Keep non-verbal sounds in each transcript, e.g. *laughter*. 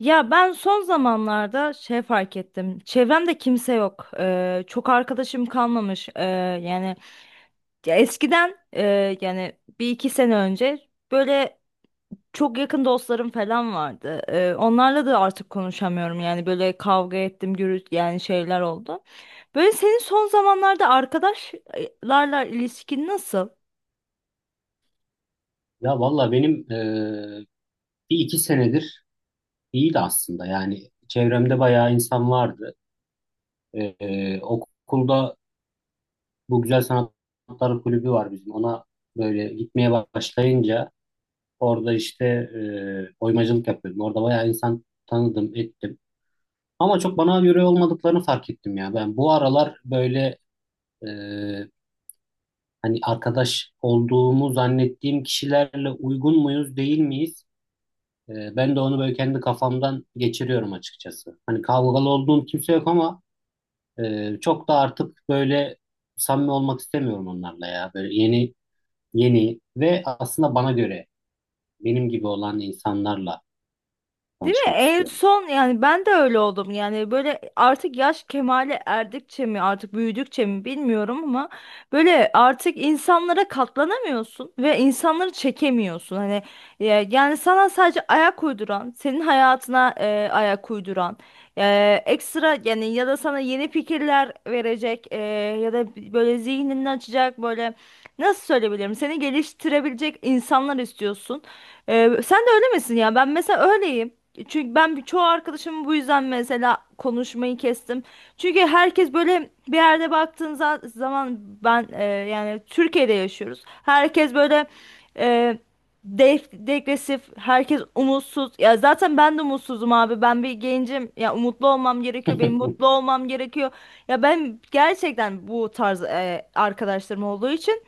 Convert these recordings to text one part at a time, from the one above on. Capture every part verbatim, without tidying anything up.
Ya ben son zamanlarda şey fark ettim. Çevremde kimse yok. Ee, çok arkadaşım kalmamış. Ee, yani ya eskiden e, yani bir iki sene önce böyle çok yakın dostlarım falan vardı. Ee, onlarla da artık konuşamıyorum. Yani böyle kavga ettim, gürültü yani şeyler oldu. Böyle senin son zamanlarda arkadaşlarla ilişkin nasıl? Ya valla benim e, bir iki senedir iyiydi aslında. Yani çevremde bayağı insan vardı. E, e, okulda bu Güzel Sanatlar Kulübü var bizim. Ona böyle gitmeye başlayınca orada işte e, oymacılık yapıyordum. Orada bayağı insan tanıdım, ettim. Ama çok bana göre olmadıklarını fark ettim ya. Ben bu aralar böyle e, hani arkadaş olduğumu zannettiğim kişilerle uygun muyuz, değil miyiz? E, ben de onu böyle kendi kafamdan geçiriyorum açıkçası. Hani kavgalı olduğum kimse yok ama e, çok da artık böyle samimi olmak istemiyorum onlarla ya. Böyle yeni yeni ve aslında bana göre benim gibi olan insanlarla Değil mi? tanışmak En istiyorum. son yani ben de öyle oldum. Yani böyle artık yaş kemale erdikçe mi artık büyüdükçe mi bilmiyorum ama böyle artık insanlara katlanamıyorsun ve insanları çekemiyorsun. Hani e, yani sana sadece ayak uyduran, senin hayatına e, ayak uyduran, e, ekstra yani ya da sana yeni fikirler verecek e, ya da böyle zihnini açacak böyle, nasıl söyleyebilirim? Seni geliştirebilecek insanlar istiyorsun. Ee, sen de öyle misin ya? Ben mesela öyleyim. Çünkü ben bir- çoğu arkadaşımı bu yüzden mesela konuşmayı kestim. Çünkü herkes böyle bir yerde baktığın za- zaman ben, e, yani Türkiye'de yaşıyoruz. Herkes böyle e, def- degresif, herkes umutsuz. Ya zaten ben de umutsuzum abi. Ben bir gencim. Ya umutlu olmam gerekiyor. Benim mutlu *laughs* olmam gerekiyor. Ya ben gerçekten bu tarz e, arkadaşlarım olduğu için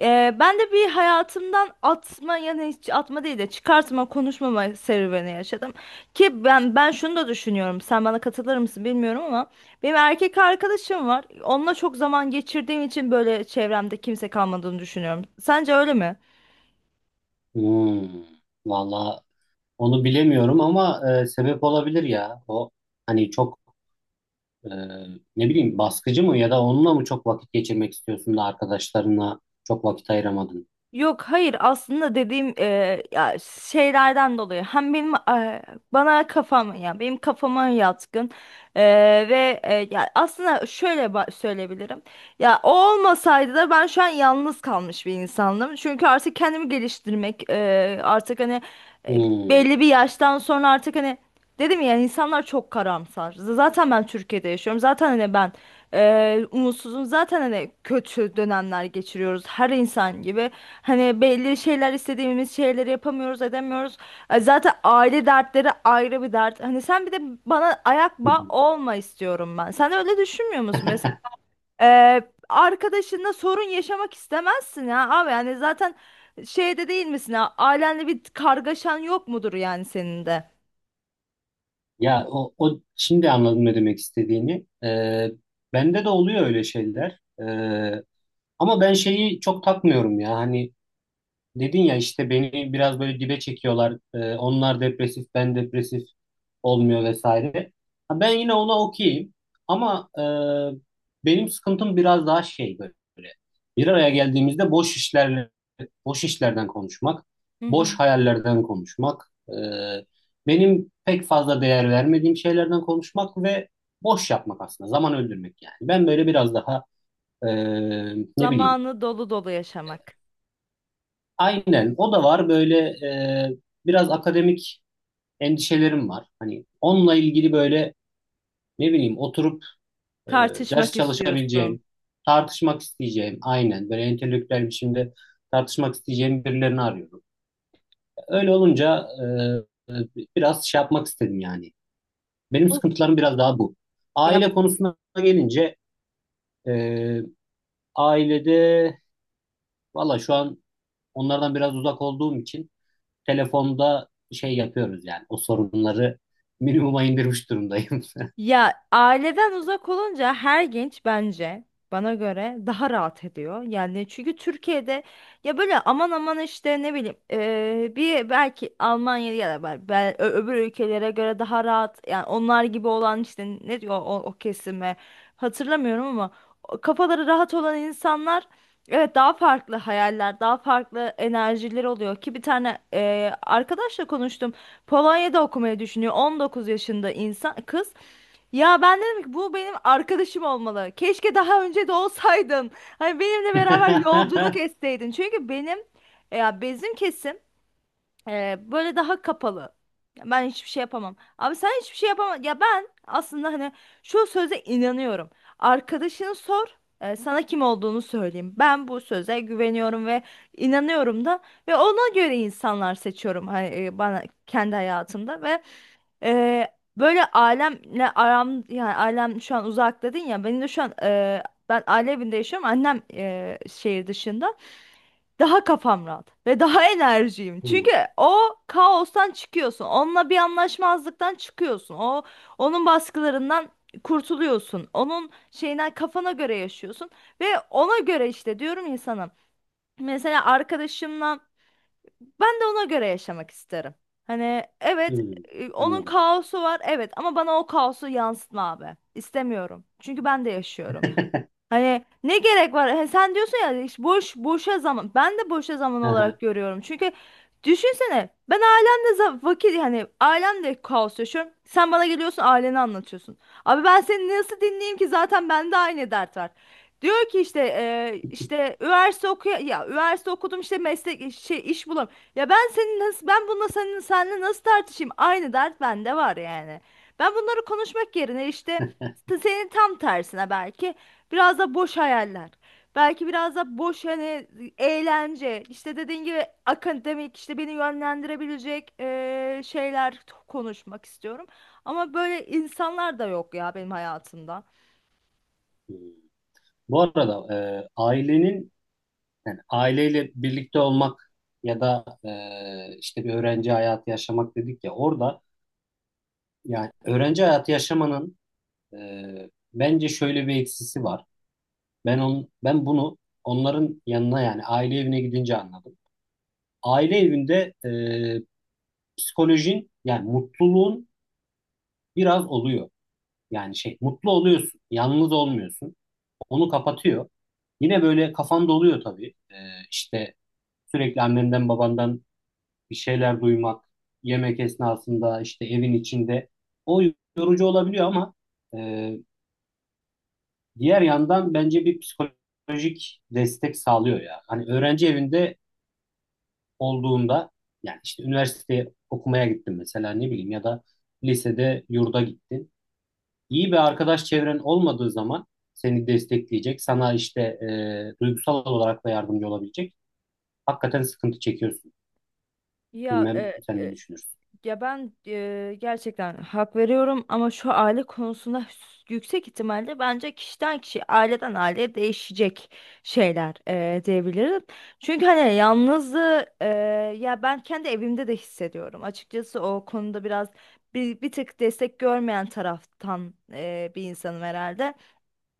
ee, ben de bir hayatımdan atma, yani hiç atma değil de çıkartma, konuşmama serüveni yaşadım. Ki ben ben şunu da düşünüyorum. Sen bana katılır mısın bilmiyorum ama benim erkek arkadaşım var. Onunla çok zaman geçirdiğim için böyle çevremde kimse kalmadığını düşünüyorum. Sence öyle mi? Hmm, valla onu bilemiyorum ama e, sebep olabilir ya. O hani çok e, ne bileyim baskıcı mı ya da onunla mı çok vakit geçirmek istiyorsun da arkadaşlarına çok vakit ayıramadın? Yok, hayır, aslında dediğim e, ya şeylerden dolayı hem benim e, bana kafam, ya benim kafama yatkın. E, ve e, ya aslında şöyle ba- söyleyebilirim, ya o olmasaydı da ben şu an yalnız kalmış bir insandım çünkü artık kendimi geliştirmek, e, artık hani, e, Hmm. belli bir yaştan sonra artık hani, dedim ya, insanlar çok karamsar. Z- Zaten ben Türkiye'de yaşıyorum. Zaten hani ben eee umutsuzum. Zaten hani kötü dönemler geçiriyoruz. Her insan gibi. Hani belli şeyler, istediğimiz şeyleri yapamıyoruz, edemiyoruz. E, Zaten aile dertleri ayrı bir dert. Hani sen bir de bana ayak bağı olma istiyorum ben. Sen de öyle düşünmüyor musun? *laughs* Mesela eee arkadaşınla sorun yaşamak istemezsin ya abi. Yani zaten şeyde değil misin ya? Ailenle bir kargaşan yok mudur, yani senin de? Ya o, o şimdi anladım ne demek istediğini. Ee, bende de oluyor öyle şeyler. Ee, ama ben şeyi çok takmıyorum ya. Hani dedin ya işte beni biraz böyle dibe çekiyorlar. Ee, onlar depresif, ben depresif olmuyor vesaire. Ha, ben yine ona okeyim. Ama e, benim sıkıntım biraz daha şey böyle. Bir araya geldiğimizde boş işlerle, boş işlerden konuşmak, boş hayallerden konuşmak, e, benim pek fazla değer vermediğim şeylerden konuşmak ve boş yapmak aslında. Zaman öldürmek yani. Ben böyle biraz daha e, ne bileyim. Zamanı dolu dolu yaşamak. Aynen o da var böyle e, biraz akademik endişelerim var. Hani onunla ilgili böyle ne bileyim oturup e, ders Tartışmak istiyorsun. çalışabileceğim, tartışmak isteyeceğim aynen böyle entelektüel biçimde tartışmak isteyeceğim birilerini arıyorum. Öyle olunca e, e, biraz şey yapmak istedim yani. Benim Bu, sıkıntılarım biraz daha bu. ya Aile konusuna gelince e, ailede valla şu an onlardan biraz uzak olduğum için telefonda şey yapıyoruz yani. O sorunları *laughs* minimuma indirmiş durumdayım. Ya aileden uzak olunca her genç, bence bana göre, daha rahat ediyor. Yani çünkü Türkiye'de, ya böyle aman aman işte, ne bileyim, eee, bir belki Almanya ya da bel- bel- ö- öbür ülkelere göre daha rahat, yani onlar gibi olan, işte ne diyor o, o kesime, hatırlamıyorum ama o kafaları rahat olan insanlar, evet, daha farklı hayaller, daha farklı enerjileri oluyor. Ki bir tane eee, arkadaşla konuştum. Polonya'da okumayı düşünüyor, on dokuz yaşında insan kız. Ya ben dedim ki bu benim arkadaşım olmalı. Keşke daha önce de olsaydın. Hani benimle beraber yolculuk *laughs* etseydin. Çünkü benim, ya bizim kesim ee, böyle daha kapalı. Ya ben hiçbir şey yapamam. Abi sen hiçbir şey yapamam. Ya ben aslında hani şu söze inanıyorum. Arkadaşını sor, e, sana kim olduğunu söyleyeyim. Ben bu söze güveniyorum ve inanıyorum da, ve ona göre insanlar seçiyorum hani, e, bana kendi hayatımda, ve e, böyle ailemle aram, yani ailem şu an uzak dedin ya, benim de şu an e, ben aile evinde yaşıyorum. Annem e, şehir dışında. Daha kafam rahat ve daha enerjiyim. Hmm, Çünkü o kaostan çıkıyorsun. Onunla bir anlaşmazlıktan çıkıyorsun. O, onun baskılarından kurtuluyorsun. Onun şeyinden, kafana göre yaşıyorsun ve ona göre işte diyorum, insanım. Mesela arkadaşımla ben de ona göre yaşamak isterim. Hani evet, hmm, e, onun anladım. kaosu var, evet, ama bana o kaosu yansıtma abi. İstemiyorum. Çünkü ben de yaşıyorum. Hani ne gerek var? He, sen diyorsun ya işte, boş boşa zaman. Ben de boşa zaman Aha. olarak görüyorum. Çünkü düşünsene, ben ailemle za- vakit, yani ailemle kaos yaşıyorum. Sen bana geliyorsun, aileni anlatıyorsun. Abi ben seni nasıl dinleyeyim ki, zaten bende aynı dert var. Diyor ki işte, e, işte üniversite okuya, ya üniversite okudum işte, meslek şey, iş bulam. Ya ben senin nasıl, ben bununla, senin seninle nasıl tartışayım? Aynı dert bende var yani. Ben bunları konuşmak yerine işte, *laughs* senin tam tersine belki. Biraz da boş hayaller. Belki biraz da boş hani eğlence. İşte dediğin gibi akademik, işte beni yönlendirebilecek eee, şeyler t- konuşmak istiyorum. Ama böyle insanlar da yok ya benim hayatımda. Hmm. Bu arada e, ailenin yani aileyle birlikte olmak ya da e, işte bir öğrenci hayatı yaşamak dedik ya orada yani öğrenci hayatı yaşamanın e, bence şöyle bir eksisi var. Ben on, ben bunu onların yanına yani aile evine gidince anladım. Aile evinde e, psikolojin yani mutluluğun biraz oluyor. Yani şey mutlu oluyorsun. Yalnız olmuyorsun. Onu kapatıyor. Yine böyle kafan doluyor tabii. Ee, işte sürekli annenden babandan bir şeyler duymak, yemek esnasında işte evin içinde o yorucu olabiliyor ama e, diğer yandan bence bir psikolojik destek sağlıyor ya. Hani öğrenci evinde olduğunda yani işte üniversiteye okumaya gittin mesela ne bileyim ya da lisede yurda gittin. İyi bir arkadaş çevren olmadığı zaman seni destekleyecek, sana işte e, duygusal olarak da yardımcı olabilecek. Hakikaten sıkıntı çekiyorsun. Ya Bilmem e, sen ne e, düşünürsün. Ya ben e, gerçekten hak veriyorum ama şu aile konusunda yüksek ihtimalle, bence kişiden kişiye, aileden aileye değişecek şeyler, e, diyebilirim. Çünkü hani yalnızlığı, e, ya ben kendi evimde de hissediyorum. Açıkçası o konuda biraz bir, bir tık destek görmeyen taraftan, e, bir insanım herhalde.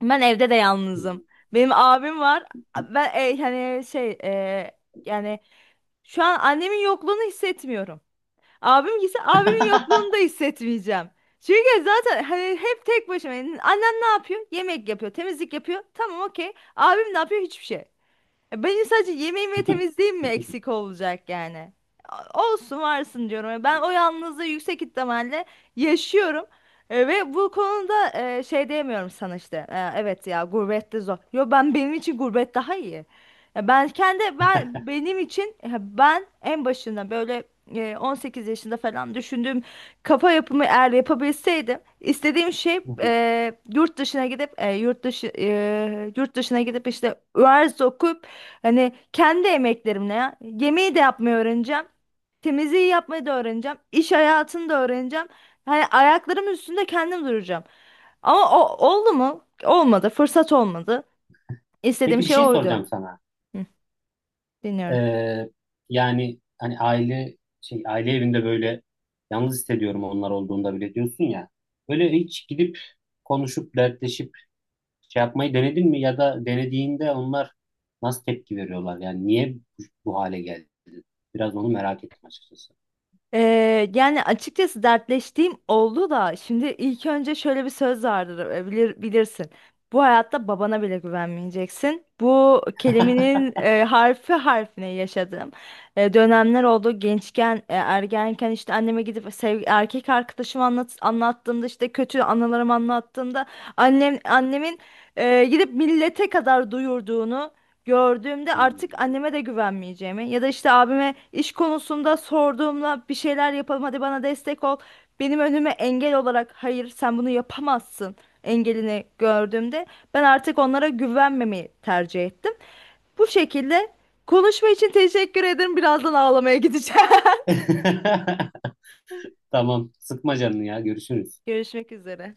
Ben evde de yalnızım. Benim abim var. Ben e, hani şey, e, yani şu an annemin yokluğunu hissetmiyorum. Abim gitse, abimin *laughs* yokluğunu da hissetmeyeceğim. Çünkü zaten hani hep tek başıma. Annen ne yapıyor? Yemek yapıyor, temizlik yapıyor. Tamam, okey. Abim ne yapıyor? Hiçbir şey. Ya benim sadece yemeğim ve temizliğim mi eksik olacak yani? A- Olsun varsın diyorum. E, Ben o yalnızlığı yüksek ihtimalle yaşıyorum. E, ve bu konuda, e, şey diyemiyorum sana işte. E, evet ya, gurbette zor. Yo, ben, benim için gurbet daha iyi. Ya ben kendi, ben benim için, e, ben en başında böyle e, on sekiz yaşında falan düşündüğüm kafa yapımı eğer yapabilseydim, istediğim şey e, yurt dışına gidip, e, yurt dışı, e, yurt dışına gidip işte üniversite okuyup, hani kendi emeklerimle ya. Yemeği de yapmayı öğreneceğim. Temizliği yapmayı da öğreneceğim. İş hayatını da öğreneceğim. Hani ayaklarım üstünde kendim duracağım. Ama o oldu mu? Olmadı. Fırsat olmadı. İstediğim Peki bir şey şey oydu. soracağım sana. Hı, dinliyorum. Ee, Yani hani aile şey aile evinde böyle yalnız hissediyorum onlar olduğunda bile diyorsun ya. Böyle hiç gidip konuşup dertleşip şey yapmayı denedin mi ya da denediğinde onlar nasıl tepki veriyorlar? Yani niye bu, bu hale geldi? Biraz onu merak ettim açıkçası. Ee, yani açıkçası dertleştiğim oldu da, şimdi ilk önce şöyle bir söz vardır, e, bilir, bilirsin. Bu hayatta babana bile güvenmeyeceksin. Bu kelimenin e, harfi harfine yaşadığım e, dönemler oldu. Gençken, e, ergenken, işte anneme gidip sev erkek arkadaşımı, anlat anlattığımda, işte kötü anılarımı anlattığımda, annem annemin e, gidip millete kadar duyurduğunu gördüğümde, artık Hmm. anneme de güvenmeyeceğimi, ya da işte abime iş konusunda sorduğumda, bir şeyler yapalım hadi bana destek ol, benim önüme engel olarak hayır sen bunu yapamazsın engelini gördüğümde, ben artık onlara güvenmemeyi tercih ettim. Bu şekilde konuşma için teşekkür ederim. Birazdan ağlamaya gideceğim. *laughs* Tamam, sıkma canını ya. Görüşürüz. *laughs* Görüşmek üzere.